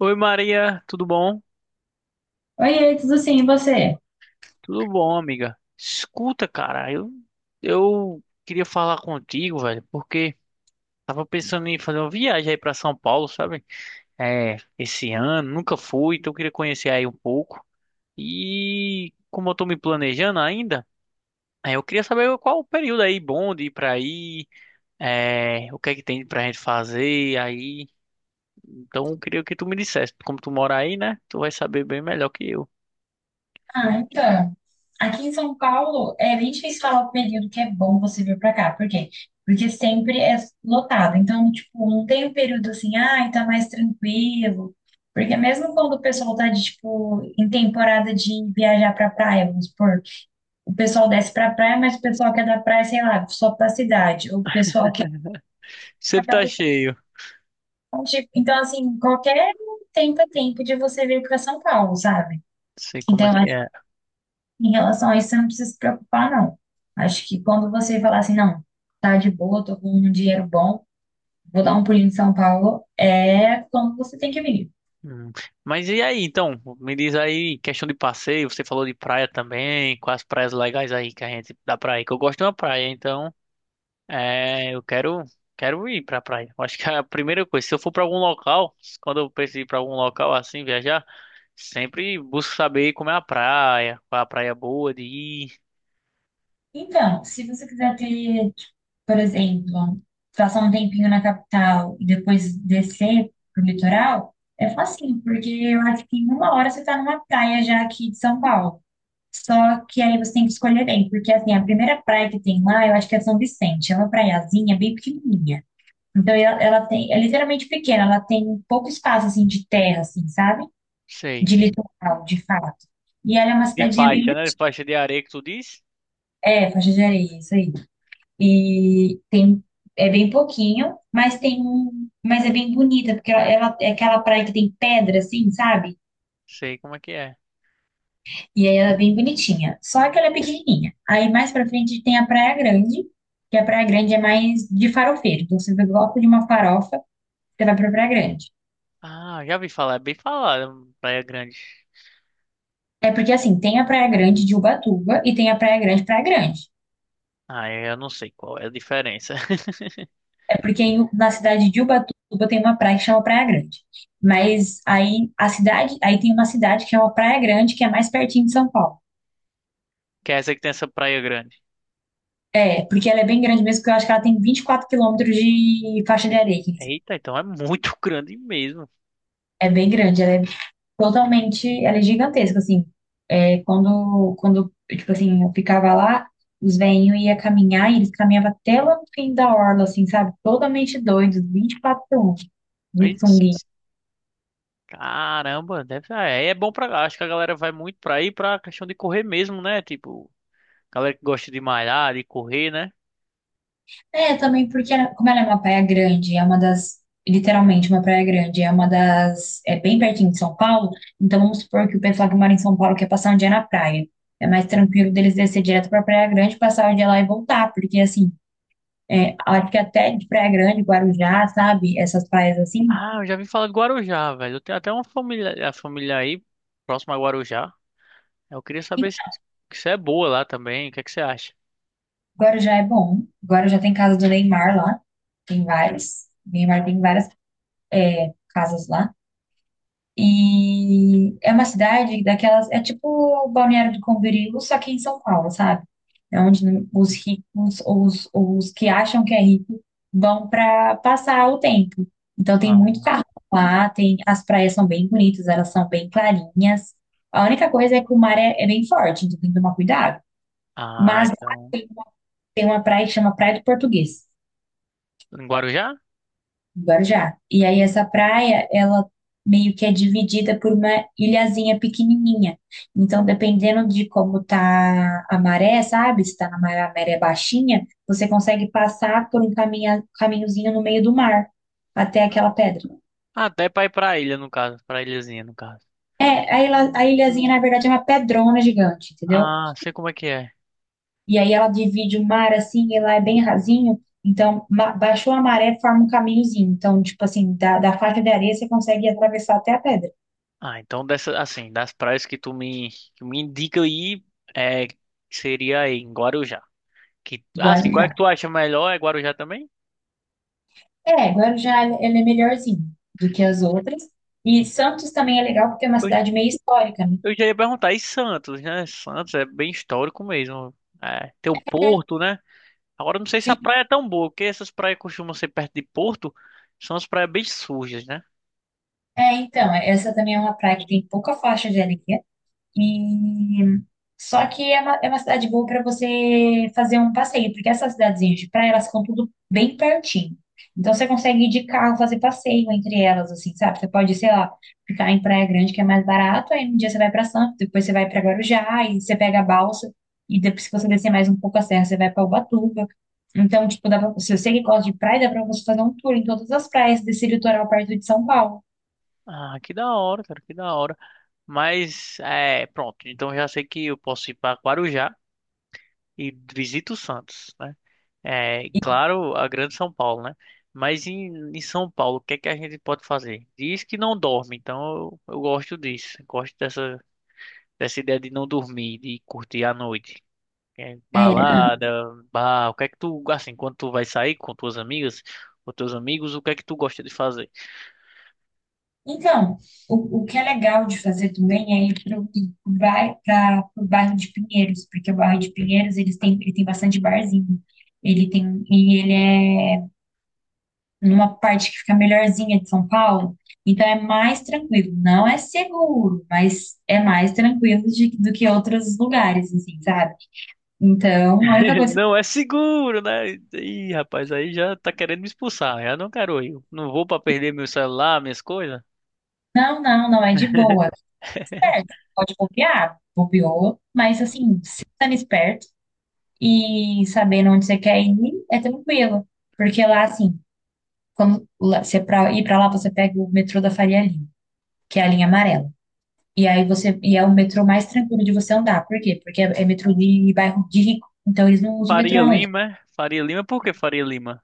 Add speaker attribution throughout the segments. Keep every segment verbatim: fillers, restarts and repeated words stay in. Speaker 1: Oi, Maria, tudo bom?
Speaker 2: Oi, tudo sim, e você?
Speaker 1: Tudo bom, amiga. Escuta, cara, eu, eu queria falar contigo, velho, porque tava pensando em fazer uma viagem aí pra São Paulo, sabe? É, esse ano, nunca fui, então eu queria conhecer aí um pouco. E como eu tô me planejando ainda, é, eu queria saber qual o período aí bom de ir pra aí, é, o que é que tem pra gente fazer aí. Então eu queria que tu me dissesse, como tu mora aí, né? Tu vai saber bem melhor que eu.
Speaker 2: Ah, então, aqui em São Paulo é bem difícil falar o período que é bom você vir pra cá. Por quê? Porque sempre é lotado. Então, tipo, não tem um período assim, ai, tá mais tranquilo. Porque mesmo quando o pessoal tá de, tipo, em temporada de viajar pra praia, vamos supor, o pessoal desce pra praia, mas o pessoal que é da praia, sei lá, só pra cidade. O pessoal que é da
Speaker 1: Sempre tá
Speaker 2: capital,
Speaker 1: cheio.
Speaker 2: tipo, então, assim, qualquer tempo é tempo de você vir pra São Paulo, sabe?
Speaker 1: Sei como é
Speaker 2: Então,
Speaker 1: que é.
Speaker 2: em relação a isso, você não precisa se preocupar, não. Acho que quando você falar assim, não, tá de boa, tô com um dinheiro bom, vou dar um pulinho em São Paulo, é quando você tem que vir.
Speaker 1: Hum. Mas e aí, então? Me diz aí, questão de passeio, você falou de praia também, quais praias legais aí que a gente dá pra ir? Que eu gosto de uma praia, então é, eu quero, quero ir pra praia. Eu acho que é a primeira coisa, se eu for pra algum local, quando eu preciso ir pra algum local assim, viajar, sempre busco saber como é a praia, qual é a praia boa de ir,
Speaker 2: Então, se você quiser ter, tipo, por exemplo, passar um tempinho na capital e depois descer pro litoral, é facinho, porque eu acho que em uma hora você tá numa praia já aqui de São Paulo. Só que aí você tem que escolher bem, porque assim, a primeira praia que tem lá, eu acho que é São Vicente, é uma praiazinha bem pequenininha. Então ela, ela tem, é literalmente pequena, ela tem pouco espaço assim de terra, assim, sabe?
Speaker 1: sei.
Speaker 2: De litoral, de fato. E ela é uma
Speaker 1: De
Speaker 2: cidadezinha bem
Speaker 1: faixa,
Speaker 2: bonita.
Speaker 1: né? De faixa de areia que tu diz?
Speaker 2: É, faixa de areia, isso aí. E tem é bem pouquinho, mas tem um, mas é bem bonita, porque ela, ela- é aquela praia que tem pedra assim, sabe?
Speaker 1: Sei como é que é.
Speaker 2: E aí ela é bem bonitinha. Só que ela é pequenininha. Aí mais pra frente tem a Praia Grande, que a Praia Grande é mais de farofeiro. Então você gosta de uma farofa, você vai pra Praia Grande.
Speaker 1: Ah, já vi falar, é bem falado, Praia Grande.
Speaker 2: É porque assim, tem a Praia Grande de Ubatuba e tem a Praia Grande Praia Grande.
Speaker 1: Ah, é, eu não sei qual é a diferença.
Speaker 2: É porque em- na cidade de Ubatuba tem uma praia que chama Praia Grande. Mas aí a cidade, aí tem uma cidade que é uma Praia Grande, que é mais pertinho de São Paulo.
Speaker 1: Que é essa que tem essa praia grande.
Speaker 2: É, porque ela é bem grande mesmo, porque eu acho que ela tem vinte e quatro quilômetros de faixa de
Speaker 1: E-
Speaker 2: areia, quer dizer,
Speaker 1: Eita, então é muito grande mesmo.
Speaker 2: é bem grande, ela é totalmente, ela é gigantesca, assim. É, quando, quando, tipo assim, eu ficava lá, os velhinhos iam caminhar e eles caminhavam até lá no fim da orla, assim, sabe? Totalmente doidos, vinte e quatro horas de
Speaker 1: Aí,
Speaker 2: sunguinha.
Speaker 1: caramba, deve ser. É, é bom pra. Acho que a galera vai muito pra ir pra questão de correr mesmo, né? Tipo, galera que gosta de malhar, de correr, né?
Speaker 2: É, também porque, ela- como ela é uma praia grande, é uma das, literalmente uma praia grande, é uma das, é bem pertinho de São Paulo, então vamos supor que o pessoal que mora em São Paulo quer passar um dia na praia. É mais tranquilo deles descer direto pra Praia Grande, passar o dia lá e voltar, porque, assim, é, acho que até de Praia Grande, Guarujá, sabe? Essas praias assim.
Speaker 1: Ah, eu já vim falar de Guarujá, velho. Eu tenho até uma família, a família aí, próxima a Guarujá. Eu queria
Speaker 2: E
Speaker 1: saber se, se é boa lá também. O que é que você acha?
Speaker 2: Guarujá é bom. Guarujá tem casa do Neymar lá. Tem várias. Neymar tem várias é, casas lá. E é uma cidade daquelas, é tipo Balneário do Camboriú, só que em São Paulo, sabe? É onde os ricos ou os, ou os que acham que é rico vão para passar o tempo. Então tem muito
Speaker 1: Não.
Speaker 2: carro lá, tem, as praias são bem bonitas, elas são bem clarinhas. A única coisa é que o mar é, é bem forte, então tem que tomar cuidado.
Speaker 1: Ah,
Speaker 2: Mas lá
Speaker 1: então.
Speaker 2: tem uma, tem uma praia que chama Praia do Português.
Speaker 1: Em Guarujá?
Speaker 2: Guarujá. E aí essa praia, ela meio que é dividida por uma ilhazinha pequenininha. Então, dependendo de como tá a maré, sabe? Se tá na maré, a maré é baixinha, você consegue passar por um caminha, caminhozinho no meio do mar até aquela pedra.
Speaker 1: Ah, até pra ir pra ilha, no caso. Pra ilhazinha, no caso.
Speaker 2: É, a, ilha, a ilhazinha, na verdade, é uma pedrona gigante, entendeu?
Speaker 1: Ah, sei como é que é.
Speaker 2: E aí ela divide o mar assim, e lá é bem rasinho. Então, ma- baixou a maré, forma um caminhozinho. Então, tipo assim, da, da faixa de areia você consegue atravessar até a pedra.
Speaker 1: Ah, então dessa, assim, das praias que tu me, que me indica aí, é, seria aí em Guarujá. Que, ah, assim, qual é que
Speaker 2: Guarujá.
Speaker 1: tu acha melhor? É Guarujá também?
Speaker 2: É, Guarujá ele é melhorzinho do que as outras. E Santos também é legal porque é uma
Speaker 1: Eu,
Speaker 2: cidade meio histórica, né?
Speaker 1: eu já ia perguntar, e Santos, né? Santos é bem histórico mesmo. É, tem o Porto, né? Agora eu não sei se a
Speaker 2: Sim,
Speaker 1: praia é tão boa, porque essas praias costumam ser perto de Porto, são as praias bem sujas, né?
Speaker 2: é, então, essa também é uma praia que tem pouca faixa de areia, e só que é uma, é uma cidade boa para você fazer um passeio, porque essas cidadezinhas de praia, elas ficam tudo bem pertinho. Então você consegue ir de carro fazer passeio entre elas, assim, sabe? Você pode, sei lá, ficar em Praia Grande, que é mais barato, aí um dia você vai para Santos, depois você vai para Guarujá, e você pega a balsa, e depois, se você descer mais um pouco a serra, você vai para Ubatuba. Então, tipo, dá pra, se você que gosta de praia, dá para você fazer um tour em todas as praias desse litoral perto de São Paulo.
Speaker 1: Ah, que da hora, cara, que da hora. Mas, é, pronto, então eu já sei que eu posso ir pra Guarujá e visito Santos, né? É, claro, a grande São Paulo, né? Mas em, em São Paulo, o que é que a gente pode fazer? Diz que não dorme, então eu, eu gosto disso. Gosto dessa, dessa ideia de não dormir, de curtir a noite. É,
Speaker 2: É, não.
Speaker 1: balada, bar, o que é que tu, assim, quando tu vai sair com tuas amigas, com teus amigos, o que é que tu gosta de fazer?
Speaker 2: Então, o, o que é legal de fazer também é ir para o bairro de Pinheiros, porque o bairro de Pinheiros eles têm, ele tem bastante barzinho. Ele tem, e ele é numa parte que fica melhorzinha de São Paulo, então é mais tranquilo. Não é seguro, mas é mais tranquilo de- do que outros lugares, assim, sabe? Então, a única coisa,
Speaker 1: Não é seguro, né? Ih, rapaz, aí já tá querendo me expulsar. Eu não quero ir. Não vou pra perder meu celular, minhas coisas.
Speaker 2: não, não, não é de boa. Certo, pode bobear, bobeou, mas assim, sendo esperto, e sabendo onde você quer ir, é tranquilo. Porque lá, assim, quando lá- você pra ir pra lá, você pega o metrô da Faria Lima, que é a linha amarela. E aí você, e é o metrô mais tranquilo de você andar. Por quê? Porque é, é metrô de bairro de rico, então eles não usam metrô
Speaker 1: Faria
Speaker 2: à noite.
Speaker 1: Lima, é? Faria Lima, por que Faria Lima?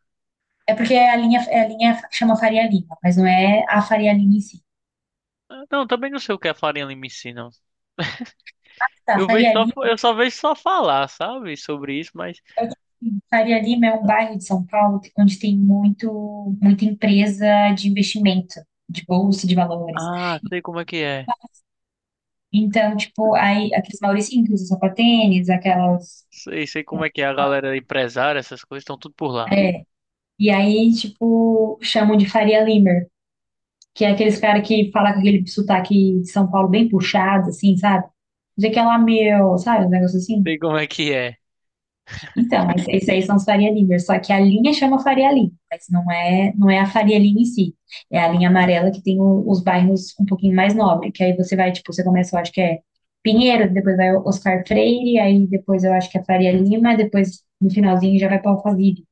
Speaker 2: É porque é a linha, é a linha que chama Faria Lima, mas não é a Faria Lima em si.
Speaker 1: Não, também não sei o que a farinha limicina. Ensina.
Speaker 2: Tá,
Speaker 1: Eu vejo
Speaker 2: Faria
Speaker 1: só,
Speaker 2: Lima,
Speaker 1: eu só vejo só falar, sabe, sobre isso, mas
Speaker 2: Faria Lima é um bairro de São Paulo onde tem muito, muita empresa de investimento, de bolsa de valores.
Speaker 1: ah, sei como é que é.
Speaker 2: Então, tipo, aí aqueles mauricinhos que usam sapatênis, aquelas.
Speaker 1: Sei, sei como é que é, a galera empresária, essas coisas estão tudo por lá.
Speaker 2: É, e aí, tipo, chamam de Faria Limer, que é aqueles cara que fala com aquele sotaque de São Paulo bem puxado, assim, sabe? Dizer que é lá meu, sabe? Um negócio assim.
Speaker 1: Sei como é que é.
Speaker 2: Então, mas isso aí são os Faria Limers, só que a linha chama Faria Lima, mas não é, não é a Faria Lima em si. É a linha amarela que tem o- os bairros um pouquinho mais nobre, que aí você vai, tipo, você começa, eu acho que é Pinheiro, depois vai Oscar Freire, aí depois eu acho que é Faria Lima, depois no finalzinho já vai para Alphaville.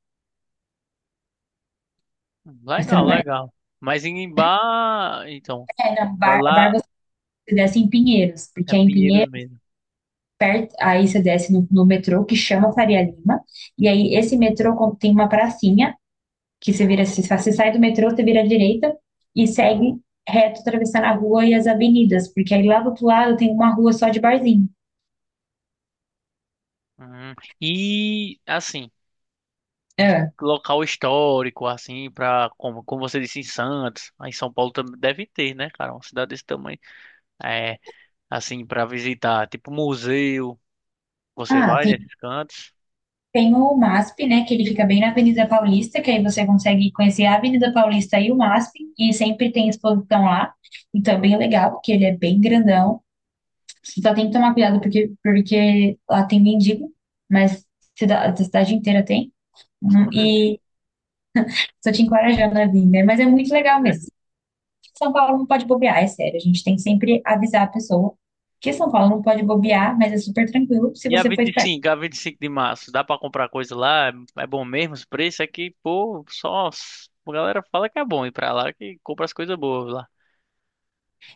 Speaker 2: Mas você
Speaker 1: Legal,
Speaker 2: não vai.
Speaker 1: legal. Mas em Imbá, então,
Speaker 2: É, na
Speaker 1: vai
Speaker 2: Bar, Bar
Speaker 1: lá,
Speaker 2: você desce em Pinheiros,
Speaker 1: é
Speaker 2: porque é em
Speaker 1: Pinheiros
Speaker 2: Pinheiros,
Speaker 1: mesmo.
Speaker 2: perto, aí você desce no, no metrô que chama Faria Lima, e aí esse metrô con- tem uma pracinha, que você vira assim, você sai do metrô, você vira à direita e segue reto atravessando a rua e as avenidas, porque aí lá do outro lado tem uma rua só de barzinho.
Speaker 1: Hum. E assim, e
Speaker 2: Ah,
Speaker 1: local histórico assim para como, como você disse em Santos, aí em São Paulo também deve ter, né, cara, uma cidade desse tamanho. É, assim para visitar, tipo museu. Você
Speaker 2: Ah,
Speaker 1: vai
Speaker 2: tem,
Speaker 1: nesses cantos.
Speaker 2: tem o MASP, né, que ele fica bem na Avenida Paulista, que aí você consegue conhecer a Avenida Paulista e o MASP, e sempre tem exposição lá. Então é bem legal, porque ele é bem grandão. Você só tem que tomar cuidado, porque, porque lá tem mendigo, mas cida- da cidade inteira tem. Hum, E só te encorajando a vir, né? Mas é muito legal mesmo. São Paulo não pode bobear, é sério. A gente tem que sempre avisar a pessoa que São Paulo não pode bobear, mas é super tranquilo se
Speaker 1: E a
Speaker 2: você for
Speaker 1: vinte e
Speaker 2: esperto.
Speaker 1: cinco, a vinte e cinco de março, dá pra comprar coisa lá? É, é bom mesmo os preços? É que, pô, só s- a galera fala que é bom ir pra lá, que compra as coisas boas lá.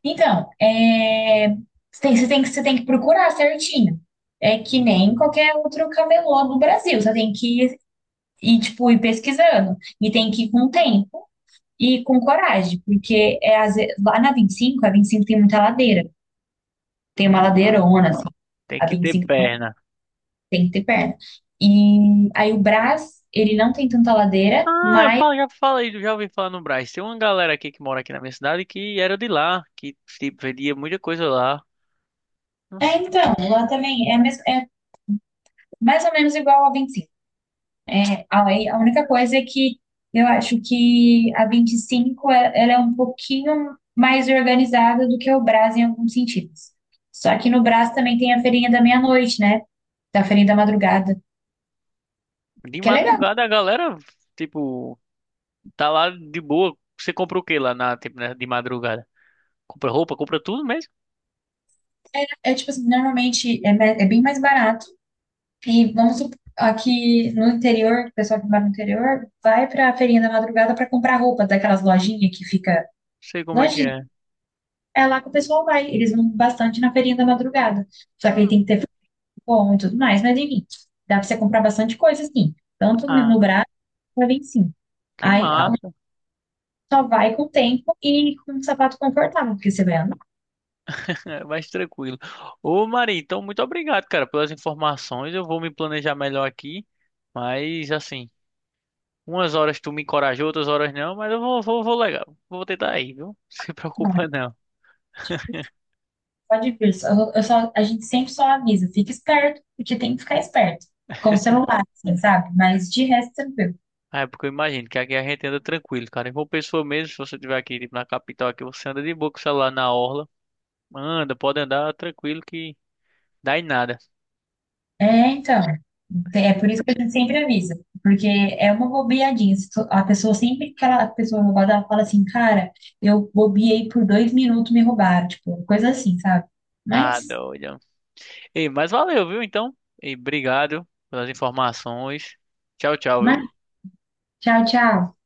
Speaker 2: Então, é, você tem, você tem que, você tem que procurar certinho. É que nem qualquer outro camelô do Brasil. Você tem que ir, ir, tipo, ir pesquisando. E tem que ir com tempo e com coragem. Porque é, às vezes, lá na vinte e cinco, a vinte e cinco tem muita ladeira. Tem uma
Speaker 1: Ah,
Speaker 2: ladeirona, assim.
Speaker 1: tem
Speaker 2: A
Speaker 1: que
Speaker 2: vinte e
Speaker 1: ter
Speaker 2: cinco
Speaker 1: perna.
Speaker 2: tem que ter perna. E aí o Brás, ele não tem tanta ladeira,
Speaker 1: Ah, eu
Speaker 2: mas
Speaker 1: falo, já falei, já ouvi falar no Brás. Tem uma galera aqui que mora aqui na minha cidade que era de lá, que, tipo, vendia muita coisa lá.
Speaker 2: é,
Speaker 1: Nossa.
Speaker 2: então, lá também é, mes- é mais ou menos igual a vinte e cinco. É, aí, a a única coisa é que eu acho que a vinte e cinco é- ela é um pouquinho mais organizada do que o Brás em alguns sentidos. Só que no Brás também tem a feirinha da meia-noite, né? Da feirinha da madrugada,
Speaker 1: De
Speaker 2: que é legal, né?
Speaker 1: madrugada a galera, tipo, tá lá de boa. Você compra o que lá na, tipo, né, de madrugada? Compra roupa, compra tudo mesmo?
Speaker 2: É tipo assim, normalmente é, me- é bem mais barato. E vamos supor, aqui no interior, o pessoal que mora no interior vai pra feirinha da madrugada pra comprar roupa daquelas lojinhas que fica.
Speaker 1: Não sei como é que
Speaker 2: Loja
Speaker 1: é.
Speaker 2: é lá que o pessoal vai. Eles vão bastante na feirinha da madrugada. Só que aí
Speaker 1: Ah,
Speaker 2: tem que ter frango bom e tudo mais, mas enfim, dá pra você comprar bastante coisa, assim. Tanto no
Speaker 1: ah.
Speaker 2: braço, vai bem sim.
Speaker 1: Que
Speaker 2: Aí a-
Speaker 1: massa.
Speaker 2: Só vai com o tempo e com um sapato confortável, porque você vai andar.
Speaker 1: Mais tranquilo. Ô, Marinho, então muito obrigado, cara, pelas informações. Eu vou me planejar melhor aqui, mas assim, umas horas tu me encorajou, outras horas não, mas eu vou, vou, vou legal. Vou tentar ir, viu? Não se
Speaker 2: Não,
Speaker 1: preocupa não.
Speaker 2: pode vir. Só- eu só- a gente sempre só avisa, fica esperto, porque tem que ficar esperto. Com o celular, assim, sabe? Mas de resto, tranquilo.
Speaker 1: Ah, é, porque eu imagino que aqui a gente anda tranquilo, cara. Em João Pessoa mesmo, se você estiver aqui, tipo, na capital aqui, você anda de boa com o celular na orla. Anda, pode andar tranquilo que dá em nada.
Speaker 2: É, então. Te- É por isso que a gente sempre avisa. Porque é uma bobeadinha. Se tu- A pessoa sempre que ela- a pessoa roubada, ela fala assim, cara, eu bobeei por dois minutos, me roubaram. Tipo, coisa assim, sabe?
Speaker 1: Tá
Speaker 2: Mas,
Speaker 1: doido. Ei, mas valeu, viu, então? E obrigado pelas informações. Tchau, tchau,
Speaker 2: mas,
Speaker 1: viu?
Speaker 2: tchau, tchau.